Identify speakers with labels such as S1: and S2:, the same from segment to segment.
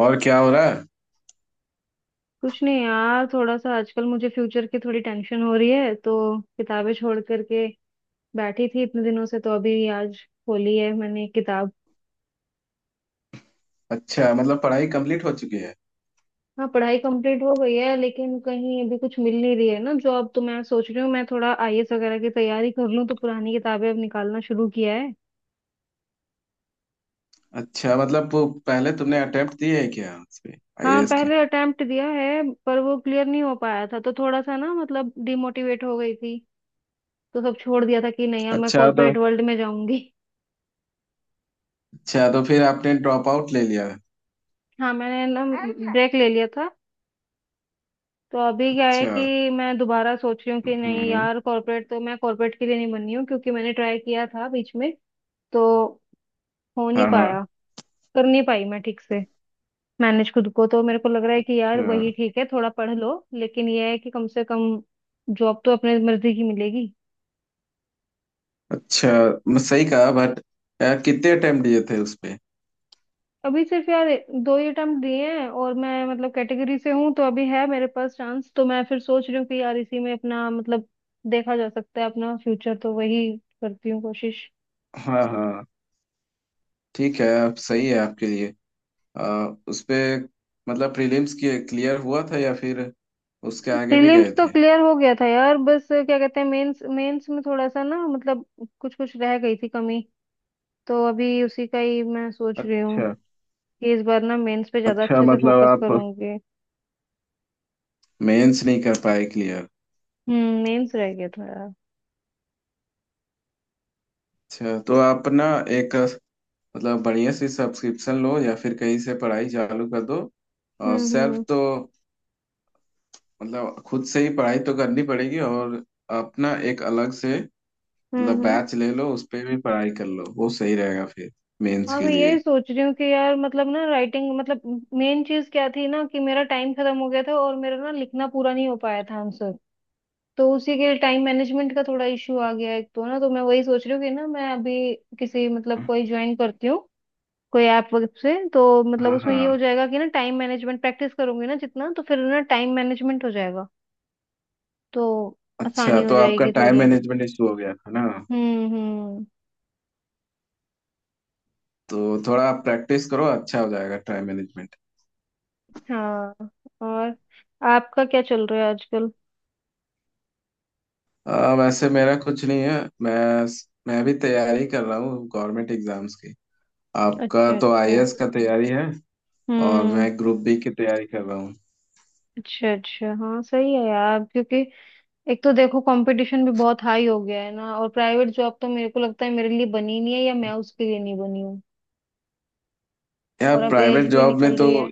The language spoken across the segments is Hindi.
S1: और क्या हो रहा है।
S2: कुछ नहीं यार। थोड़ा सा आजकल मुझे फ्यूचर की थोड़ी टेंशन हो रही है तो किताबें छोड़ करके बैठी थी इतने दिनों से। तो अभी आज खोली है मैंने किताब।
S1: अच्छा मतलब पढ़ाई कंप्लीट हो चुकी है।
S2: हाँ, पढ़ाई कंप्लीट हो गई है लेकिन कहीं अभी कुछ मिल नहीं रही है ना जॉब। तो मैं सोच रही हूँ मैं थोड़ा आईएएस वगैरह की तैयारी कर लूँ, तो पुरानी किताबें अब निकालना शुरू किया है।
S1: अच्छा मतलब वो पहले तुमने अटेम्प्ट दिए है क्या उस पे
S2: हाँ,
S1: IAS के।
S2: पहले अटेम्प्ट दिया है पर वो क्लियर नहीं हो पाया था तो थोड़ा सा ना मतलब डिमोटिवेट हो गई थी। तो सब छोड़ दिया था कि नहीं अब मैं
S1: अच्छा तो
S2: कॉर्पोरेट वर्ल्ड में जाऊंगी।
S1: अच्छा तो फिर आपने ड्रॉप आउट ले लिया है।
S2: हाँ, मैंने ना ब्रेक ले लिया था। तो अभी क्या है
S1: अच्छा।
S2: कि मैं दोबारा सोच रही हूँ कि नहीं
S1: हम्म।
S2: यार, कॉर्पोरेट तो मैं कॉर्पोरेट के लिए नहीं बनी हूँ क्योंकि मैंने ट्राई किया था बीच में। तो हो नहीं
S1: हाँ
S2: पाया,
S1: हाँ।
S2: कर नहीं पाई मैं ठीक से मैनेज खुद को। तो मेरे को लग रहा है कि यार वही
S1: अच्छा
S2: ठीक है, थोड़ा पढ़ लो, लेकिन ये है कि कम से कम जॉब तो अपने मर्जी की मिलेगी।
S1: अच्छा। मैं सही कहा बट कितने अटेम्प्ट दिए थे उस पे।
S2: अभी सिर्फ यार दो ही अटेम्प्ट दिए हैं, और मैं मतलब कैटेगरी से हूँ तो अभी है मेरे पास चांस। तो मैं फिर सोच रही हूँ कि यार इसी में अपना मतलब देखा जा सकता है अपना फ्यूचर, तो वही करती हूँ कोशिश।
S1: हाँ हाँ। ठीक है आप सही है आपके लिए। उस पे मतलब प्रीलिम्स क्लियर हुआ था या फिर उसके आगे भी गए
S2: प्रीलिम्स तो
S1: थे।
S2: क्लियर हो गया था यार। बस क्या कहते हैं, मेंस, मेंस में थोड़ा सा ना मतलब कुछ कुछ रह गई थी कमी। तो अभी उसी का ही मैं सोच रही
S1: अच्छा।
S2: हूँ कि इस बार ना मेंस पे ज्यादा
S1: अच्छा
S2: अच्छे से
S1: मतलब
S2: फोकस
S1: आप
S2: करूंगी।
S1: मेंस नहीं कर पाए क्लियर।
S2: हम्म, मेंस रह गया था यार।
S1: अच्छा तो आप ना एक मतलब बढ़िया सी सब्सक्रिप्शन लो या फिर कहीं से पढ़ाई चालू कर दो। और
S2: हम्म।
S1: सेल्फ
S2: हम्म।
S1: तो मतलब खुद से ही पढ़ाई तो करनी पड़ेगी और अपना एक अलग से
S2: हम्म।
S1: मतलब
S2: हम्म।
S1: बैच ले लो उस पे भी पढ़ाई कर लो वो सही रहेगा फिर मेंस
S2: हाँ,
S1: के
S2: मैं यही
S1: लिए।
S2: सोच रही हूँ कि यार मतलब ना राइटिंग मतलब मेन चीज क्या थी ना कि मेरा टाइम खत्म हो गया था और मेरा ना लिखना पूरा नहीं हो पाया था आंसर। तो उसी के टाइम मैनेजमेंट का थोड़ा इश्यू आ गया एक तो ना, तो मैं वही सोच रही हूँ कि ना मैं अभी किसी मतलब कोई ज्वाइन करती हूँ कोई ऐप वगैरह से तो मतलब
S1: हाँ
S2: उसमें ये हो
S1: हाँ।
S2: जाएगा कि ना टाइम मैनेजमेंट प्रैक्टिस करूंगी ना जितना, तो फिर ना टाइम मैनेजमेंट हो जाएगा, तो
S1: अच्छा
S2: आसानी हो
S1: तो आपका
S2: जाएगी
S1: टाइम
S2: थोड़ी।
S1: मैनेजमेंट इशू हो गया है ना।
S2: हम्म। हम्म।
S1: तो थोड़ा आप प्रैक्टिस करो अच्छा हो जाएगा टाइम मैनेजमेंट।
S2: हाँ। और आपका क्या चल रहा है आजकल?
S1: वैसे मेरा कुछ नहीं है। मैं भी तैयारी कर रहा हूँ गवर्नमेंट एग्जाम्स की। आपका
S2: अच्छा
S1: तो
S2: अच्छा।
S1: IAS का तैयारी है और
S2: हम्म।
S1: मैं ग्रुप B की तैयारी कर रहा हूँ।
S2: अच्छा अच्छा, हाँ सही है यार, क्योंकि एक तो देखो कंपटीशन भी बहुत हाई हो गया है ना, और प्राइवेट जॉब तो मेरे को लगता है मेरे लिए बनी नहीं है या मैं उसके लिए नहीं बनी हूँ।
S1: यार
S2: और अब एज
S1: प्राइवेट
S2: भी
S1: जॉब में
S2: निकल
S1: तो
S2: रही है।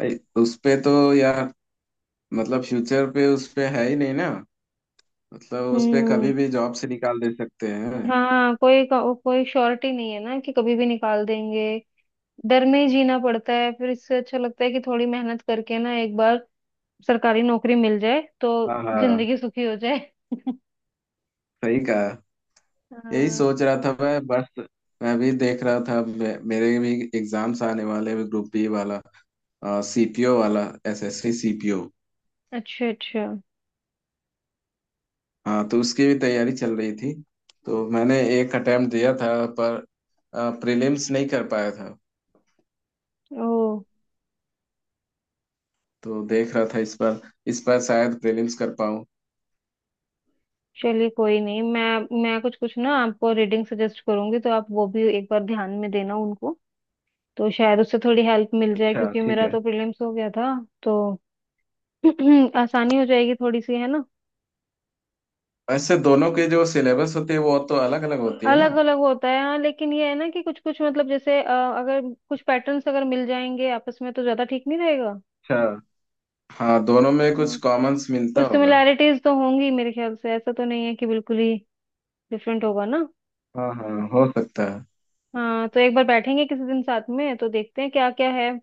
S1: उस पे तो यार मतलब फ्यूचर पे उस पे है ही नहीं ना। मतलब उस पे
S2: हम्म।
S1: कभी भी जॉब से निकाल दे सकते हैं।
S2: हाँ, कोई कोई श्योरिटी नहीं है ना कि कभी भी निकाल देंगे। डर में ही जीना पड़ता है फिर, इससे अच्छा लगता है कि थोड़ी मेहनत करके ना एक बार सरकारी नौकरी मिल जाए तो
S1: हाँ हाँ
S2: जिंदगी सुखी हो जाए।
S1: सही कहा। यही
S2: हाँ।
S1: सोच रहा था मैं बस। मैं भी देख रहा था, मेरे भी एग्जाम्स आने वाले हैं ग्रुप बी वाला, CPO वाला, SSC CPO।
S2: अच्छा अच्छा।
S1: हाँ तो उसकी भी तैयारी चल रही थी, तो मैंने एक अटेम्प्ट दिया था पर प्रीलिम्स नहीं कर पाया था।
S2: ओ।
S1: तो देख रहा था इस बार, इस बार शायद प्रीलिम्स कर पाऊँ।
S2: चलिए कोई नहीं, मैं कुछ कुछ ना आपको रीडिंग सजेस्ट करूंगी तो आप वो भी एक बार ध्यान में देना उनको। तो शायद उससे थोड़ी हेल्प मिल जाए
S1: अच्छा
S2: क्योंकि
S1: ठीक
S2: मेरा
S1: है।
S2: तो प्रीलिम्स हो गया था। तो आसानी हो जाएगी थोड़ी सी, है ना?
S1: वैसे दोनों के जो सिलेबस होते हैं वो तो अलग अलग होती है
S2: अलग
S1: ना।
S2: अलग होता है हाँ, लेकिन ये है ना कि कुछ कुछ मतलब जैसे अगर कुछ पैटर्न्स अगर मिल जाएंगे आपस में तो ज्यादा ठीक नहीं रहेगा?
S1: अच्छा। हाँ दोनों में कुछ
S2: हाँ,
S1: कॉमन्स मिलता
S2: कुछ
S1: होगा।
S2: सिमिलैरिटीज तो होंगी मेरे ख्याल से, ऐसा तो नहीं है कि बिल्कुल ही डिफरेंट होगा ना।
S1: हाँ हाँ हो सकता सकता है।
S2: हाँ, तो एक बार बैठेंगे किसी दिन साथ में तो देखते हैं क्या क्या है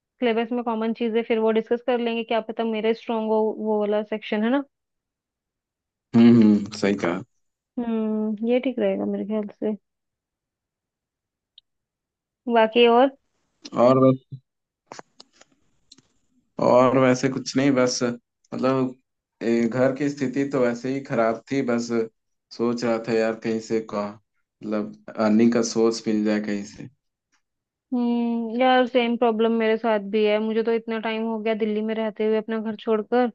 S2: सिलेबस में कॉमन चीजें, फिर वो डिस्कस कर लेंगे, क्या पता मेरा स्ट्रांग हो वो वाला सेक्शन, है ना?
S1: सही कहा।
S2: हम्म, ये ठीक रहेगा मेरे ख्याल से। बाकी और।
S1: और और वैसे कुछ नहीं बस मतलब घर की स्थिति तो वैसे ही खराब थी बस। सोच रहा था यार कहीं से का मतलब अर्निंग का सोर्स मिल जाए कहीं से।
S2: हम्म, यार सेम प्रॉब्लम मेरे साथ भी है, मुझे तो इतना टाइम हो गया दिल्ली में रहते हुए अपना घर छोड़कर।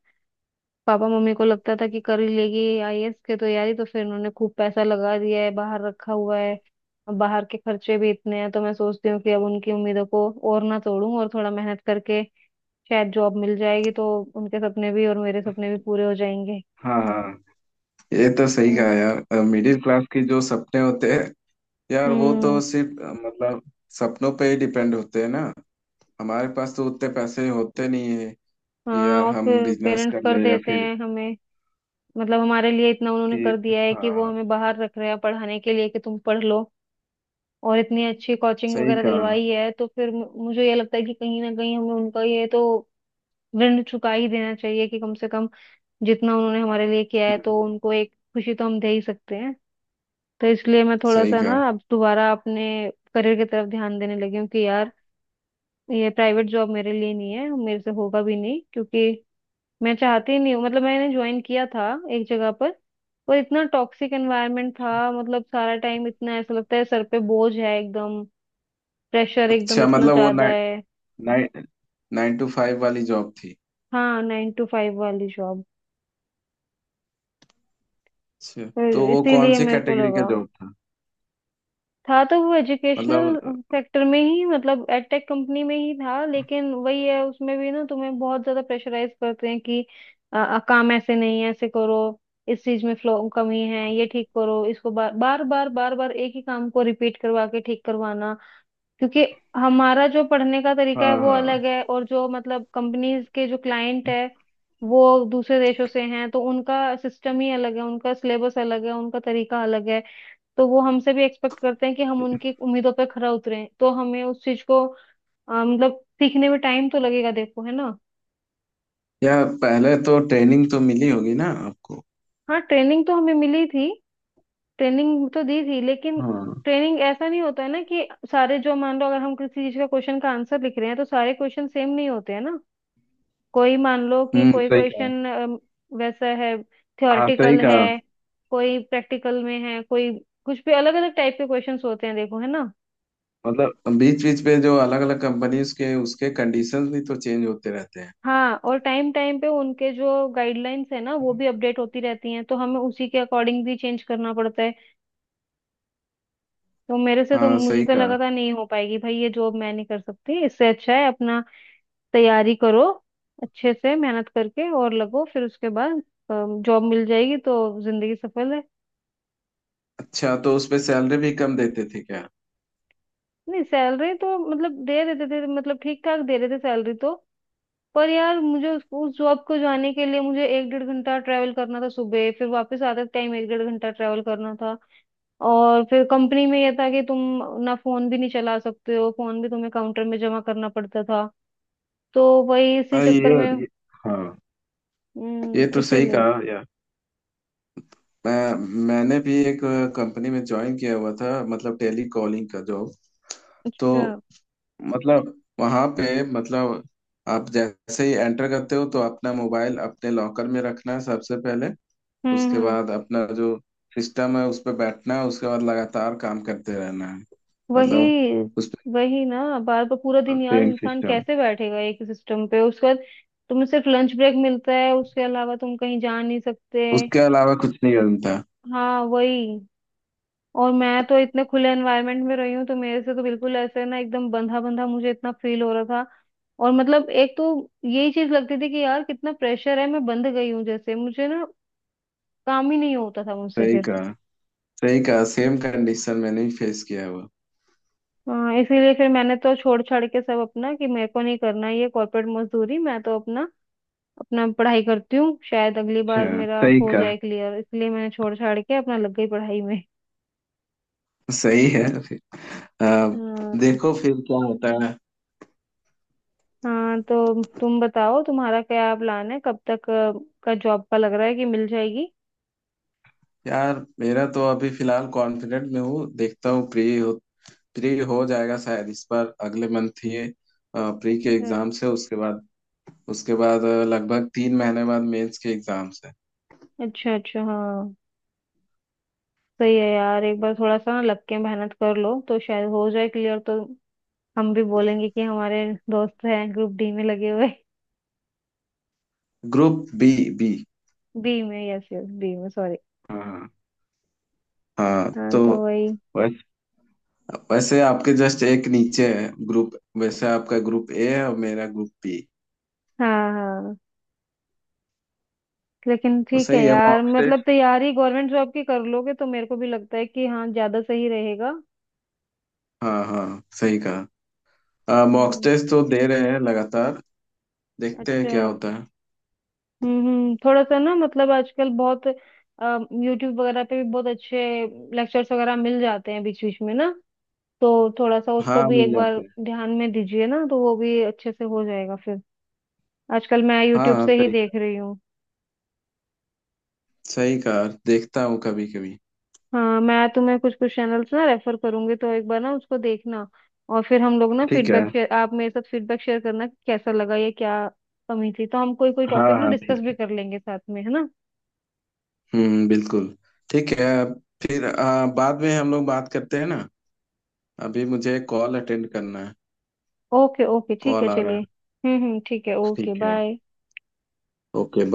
S2: पापा मम्मी को लगता था कि कर ही लेगी आईएएस की तैयारी, तो फिर उन्होंने खूब पैसा लगा दिया है, बाहर रखा हुआ है। अब बाहर के खर्चे भी इतने हैं तो मैं सोचती हूँ कि अब उनकी उम्मीदों को और ना तोड़ूं, और थोड़ा मेहनत करके शायद जॉब मिल जाएगी तो उनके सपने भी और मेरे सपने भी पूरे हो जाएंगे।
S1: हाँ हाँ। ये तो सही कहा
S2: हम्म।
S1: यार। मिडिल क्लास के जो सपने होते हैं यार वो तो
S2: हम्म।
S1: सिर्फ मतलब सपनों पे ही डिपेंड होते हैं ना। हमारे पास तो उतने पैसे होते नहीं है कि
S2: हाँ,
S1: यार
S2: और
S1: हम
S2: फिर
S1: बिजनेस
S2: पेरेंट्स
S1: कर
S2: कर
S1: ले या
S2: देते
S1: फिर
S2: हैं हमें, मतलब हमारे लिए इतना उन्होंने
S1: कि
S2: कर दिया है कि वो
S1: हाँ।
S2: हमें बाहर रख रहे हैं पढ़ाने के लिए कि तुम पढ़ लो, और इतनी अच्छी कोचिंग
S1: सही
S2: वगैरह
S1: कहा।
S2: दिलवाई है, तो फिर मुझे ये लगता है कि कहीं ना कहीं हमें उनका ये तो ऋण चुका ही देना चाहिए कि कम से कम जितना उन्होंने हमारे लिए किया है तो
S1: हम्म।
S2: उनको एक खुशी तो हम दे ही सकते हैं। तो इसलिए मैं थोड़ा
S1: सही
S2: सा
S1: कहा।
S2: ना अब दोबारा अपने करियर की तरफ ध्यान देने लगी हूँ कि यार ये प्राइवेट जॉब मेरे लिए नहीं है, मेरे से होगा भी नहीं क्योंकि मैं चाहती ही नहीं हूँ। मतलब मैंने ज्वाइन किया था एक जगह पर इतना टॉक्सिक एनवायरनमेंट था, मतलब सारा टाइम इतना ऐसा लगता है सर पे बोझ है एकदम, प्रेशर एकदम
S1: अच्छा
S2: इतना
S1: मतलब वो
S2: ज्यादा है।
S1: 9 टू 5 वाली जॉब थी।
S2: हाँ, नाइन टू फाइव वाली जॉब।
S1: अच्छा तो वो कौन
S2: इसीलिए
S1: सी
S2: मेरे को
S1: कैटेगरी का
S2: लगा
S1: जॉब था
S2: था, तो वो एजुकेशनल
S1: मतलब।
S2: सेक्टर में ही मतलब एडटेक कंपनी में ही था, लेकिन वही है उसमें भी ना तुम्हें बहुत ज्यादा प्रेशराइज करते हैं कि काम ऐसे नहीं है ऐसे करो, इस चीज में फ्लो कमी है ये ठीक करो इसको, बार बार बार बार बार एक ही काम को रिपीट करवा के ठीक करवाना, क्योंकि हमारा जो पढ़ने का
S1: हाँ
S2: तरीका है वो
S1: हाँ।
S2: अलग है और जो मतलब कंपनीज के जो क्लाइंट है वो दूसरे देशों से हैं तो उनका सिस्टम ही अलग है, उनका सिलेबस अलग है, उनका तरीका अलग है। तो वो हमसे भी एक्सपेक्ट करते हैं कि हम उनकी उम्मीदों पर खरा उतरें, तो हमें उस चीज को मतलब सीखने में टाइम तो लगेगा देखो, है ना?
S1: या पहले तो ट्रेनिंग तो मिली होगी ना आपको।
S2: हाँ, ट्रेनिंग तो हमें मिली थी। ट्रेनिंग तो दी थी, लेकिन
S1: हाँ।
S2: ट्रेनिंग ऐसा नहीं होता है ना कि सारे जो मान लो अगर हम किसी चीज का क्वेश्चन का आंसर लिख रहे हैं तो सारे क्वेश्चन सेम नहीं होते हैं ना। कोई मान लो कि कोई
S1: सही कहा।
S2: क्वेश्चन वैसा है,
S1: हाँ सही
S2: थ्योरेटिकल है,
S1: कहा।
S2: कोई प्रैक्टिकल में है, कोई कुछ भी अलग अलग टाइप के क्वेश्चंस होते हैं देखो, है ना?
S1: मतलब बीच बीच पे जो अलग अलग कंपनीज के उसके कंडीशंस भी तो चेंज होते रहते हैं।
S2: हाँ, और टाइम टाइम पे उनके जो गाइडलाइंस है ना वो भी अपडेट होती रहती हैं, तो हमें उसी के अकॉर्डिंग भी चेंज करना पड़ता है। तो मेरे से तो,
S1: हाँ
S2: मुझे
S1: सही
S2: तो लगा
S1: कहा।
S2: था नहीं हो पाएगी भाई ये जॉब, मैं नहीं कर सकती, इससे अच्छा है अपना तैयारी करो अच्छे से, मेहनत करके और लगो फिर उसके बाद जॉब मिल जाएगी तो जिंदगी सफल है।
S1: अच्छा तो उस पे सैलरी भी कम देते थे क्या।
S2: नहीं, सैलरी तो मतलब दे देते थे, मतलब ठीक ठाक दे रहे थे सैलरी तो। पर यार मुझे उस जॉब को जाने के लिए मुझे एक डेढ़ घंटा ट्रैवल करना था सुबह, फिर वापस आते टाइम एक डेढ़ घंटा ट्रैवल करना था। और फिर कंपनी में ये था कि तुम ना फोन भी नहीं चला सकते हो, फोन भी तुम्हें काउंटर में जमा करना पड़ता था। तो वही इसी
S1: हाँ। ये,
S2: चक्कर में।
S1: ये हाँ, ये
S2: हम्म,
S1: तो सही
S2: इसीलिए।
S1: कहा यार। मैं मैंने भी एक कंपनी में ज्वाइन किया हुआ था मतलब टेली कॉलिंग का जॉब। तो
S2: अच्छा।
S1: मतलब वहां पे मतलब आप जैसे ही एंटर करते हो तो अपना मोबाइल अपने लॉकर में रखना है सबसे पहले।
S2: हम्म।
S1: उसके
S2: हम्म।
S1: बाद अपना जो सिस्टम है उस पर बैठना है, उसके बाद लगातार काम करते रहना है,
S2: वही।
S1: मतलब उस
S2: वही ना, बार बार पूरा
S1: पे
S2: दिन यार
S1: सेम
S2: इंसान
S1: सिस्टम।
S2: कैसे बैठेगा एक सिस्टम पे? उसके बाद तुम्हें सिर्फ लंच ब्रेक मिलता है, उसके अलावा तुम कहीं जा नहीं सकते।
S1: उसके अलावा कुछ नहीं बनता।
S2: हाँ वही। और मैं तो इतने खुले एनवायरनमेंट में रही हूँ, तो मेरे से तो बिल्कुल ऐसे ना, एकदम बंधा बंधा मुझे इतना फील हो रहा था। और मतलब एक तो यही चीज लगती थी कि यार कितना प्रेशर है, मैं बंद गई हूँ जैसे, मुझे ना काम ही नहीं होता था मुझसे
S1: सही
S2: फिर।
S1: कहा। सही कहा, सेम कंडीशन मैंने भी फेस किया है वो।
S2: हाँ, इसीलिए फिर मैंने तो छोड़ छाड़ के सब अपना कि मेरे को नहीं करना ये कॉर्पोरेट मजदूरी, मैं तो अपना अपना पढ़ाई करती हूँ शायद अगली बार
S1: अच्छा।
S2: मेरा
S1: सही
S2: हो
S1: कहा।
S2: जाए क्लियर, इसलिए मैंने छोड़ छाड़ के अपना लग गई पढ़ाई में।
S1: सही है फिर। आ,
S2: हाँ।
S1: देखो फिर क्या होता है।
S2: हाँ, तो तुम बताओ तुम्हारा क्या प्लान है, कब तक का जॉब का लग रहा है कि मिल जाएगी?
S1: यार मेरा तो अभी फिलहाल कॉन्फिडेंट में हूँ। देखता हूँ प्री प्री हो जाएगा शायद इस बार, अगले मंथ ये प्री के
S2: अच्छा
S1: एग्जाम्स है उसके बाद। उसके बाद लगभग 3 महीने बाद मेंस के एग्जाम्स है।
S2: अच्छा। अच्छा, हाँ सही है यार, एक बार थोड़ा सा ना लग के मेहनत कर लो तो शायद हो जाए क्लियर तो हम भी बोलेंगे कि हमारे दोस्त हैं ग्रुप डी में लगे हुए।
S1: Group B. बी।
S2: बी में, यस यस, बी में, सॉरी।
S1: हाँ। हाँ
S2: हाँ
S1: तो
S2: तो वही।
S1: वैस, वैसे आपके जस्ट एक नीचे है ग्रुप, वैसे आपका ग्रुप A है और मेरा ग्रुप B।
S2: हाँ हाँ, लेकिन
S1: तो
S2: ठीक है
S1: सही है
S2: यार,
S1: मॉक
S2: मतलब
S1: टेस्ट।
S2: तैयारी गवर्नमेंट जॉब की कर लोगे तो मेरे को भी लगता है कि हाँ ज्यादा सही रहेगा।
S1: हाँ हाँ सही कहा। मॉक
S2: हम्म।
S1: टेस्ट तो दे रहे हैं लगातार। देखते हैं
S2: अच्छा।
S1: क्या होता है।
S2: हम्म। हम्म। थोड़ा सा ना मतलब आजकल बहुत यूट्यूब वगैरह पे भी बहुत अच्छे लेक्चर्स वगैरह मिल जाते हैं बीच बीच में ना, तो थोड़ा सा उसको
S1: हाँ
S2: भी
S1: मिल
S2: एक बार
S1: जाते हैं।
S2: ध्यान में दीजिए ना तो वो भी अच्छे से हो जाएगा फिर। आजकल मैं
S1: हाँ
S2: यूट्यूब
S1: हाँ
S2: से ही
S1: सही कहा।
S2: देख रही हूँ।
S1: सही कहा, देखता हूँ कभी कभी।
S2: हाँ, मैं तुम्हें कुछ कुछ चैनल्स ना रेफर करूंगी तो एक बार ना उसको देखना, और फिर हम लोग ना
S1: ठीक है।
S2: फीडबैक शेयर, आप मेरे साथ फीडबैक शेयर करना कि कैसा लगा या क्या कमी थी, तो हम कोई कोई
S1: हाँ
S2: टॉपिक ना
S1: हाँ
S2: डिस्कस
S1: ठीक।
S2: भी कर लेंगे साथ में, है ना?
S1: बिल्कुल। ठीक है। फिर बाद में हम लोग बात करते हैं ना। अभी मुझे कॉल अटेंड करना है।
S2: ओके ओके ठीक है
S1: कॉल आ रहा
S2: चलिए।
S1: है।
S2: हम्म, ठीक है, ओके
S1: ठीक है।
S2: बाय।
S1: ओके।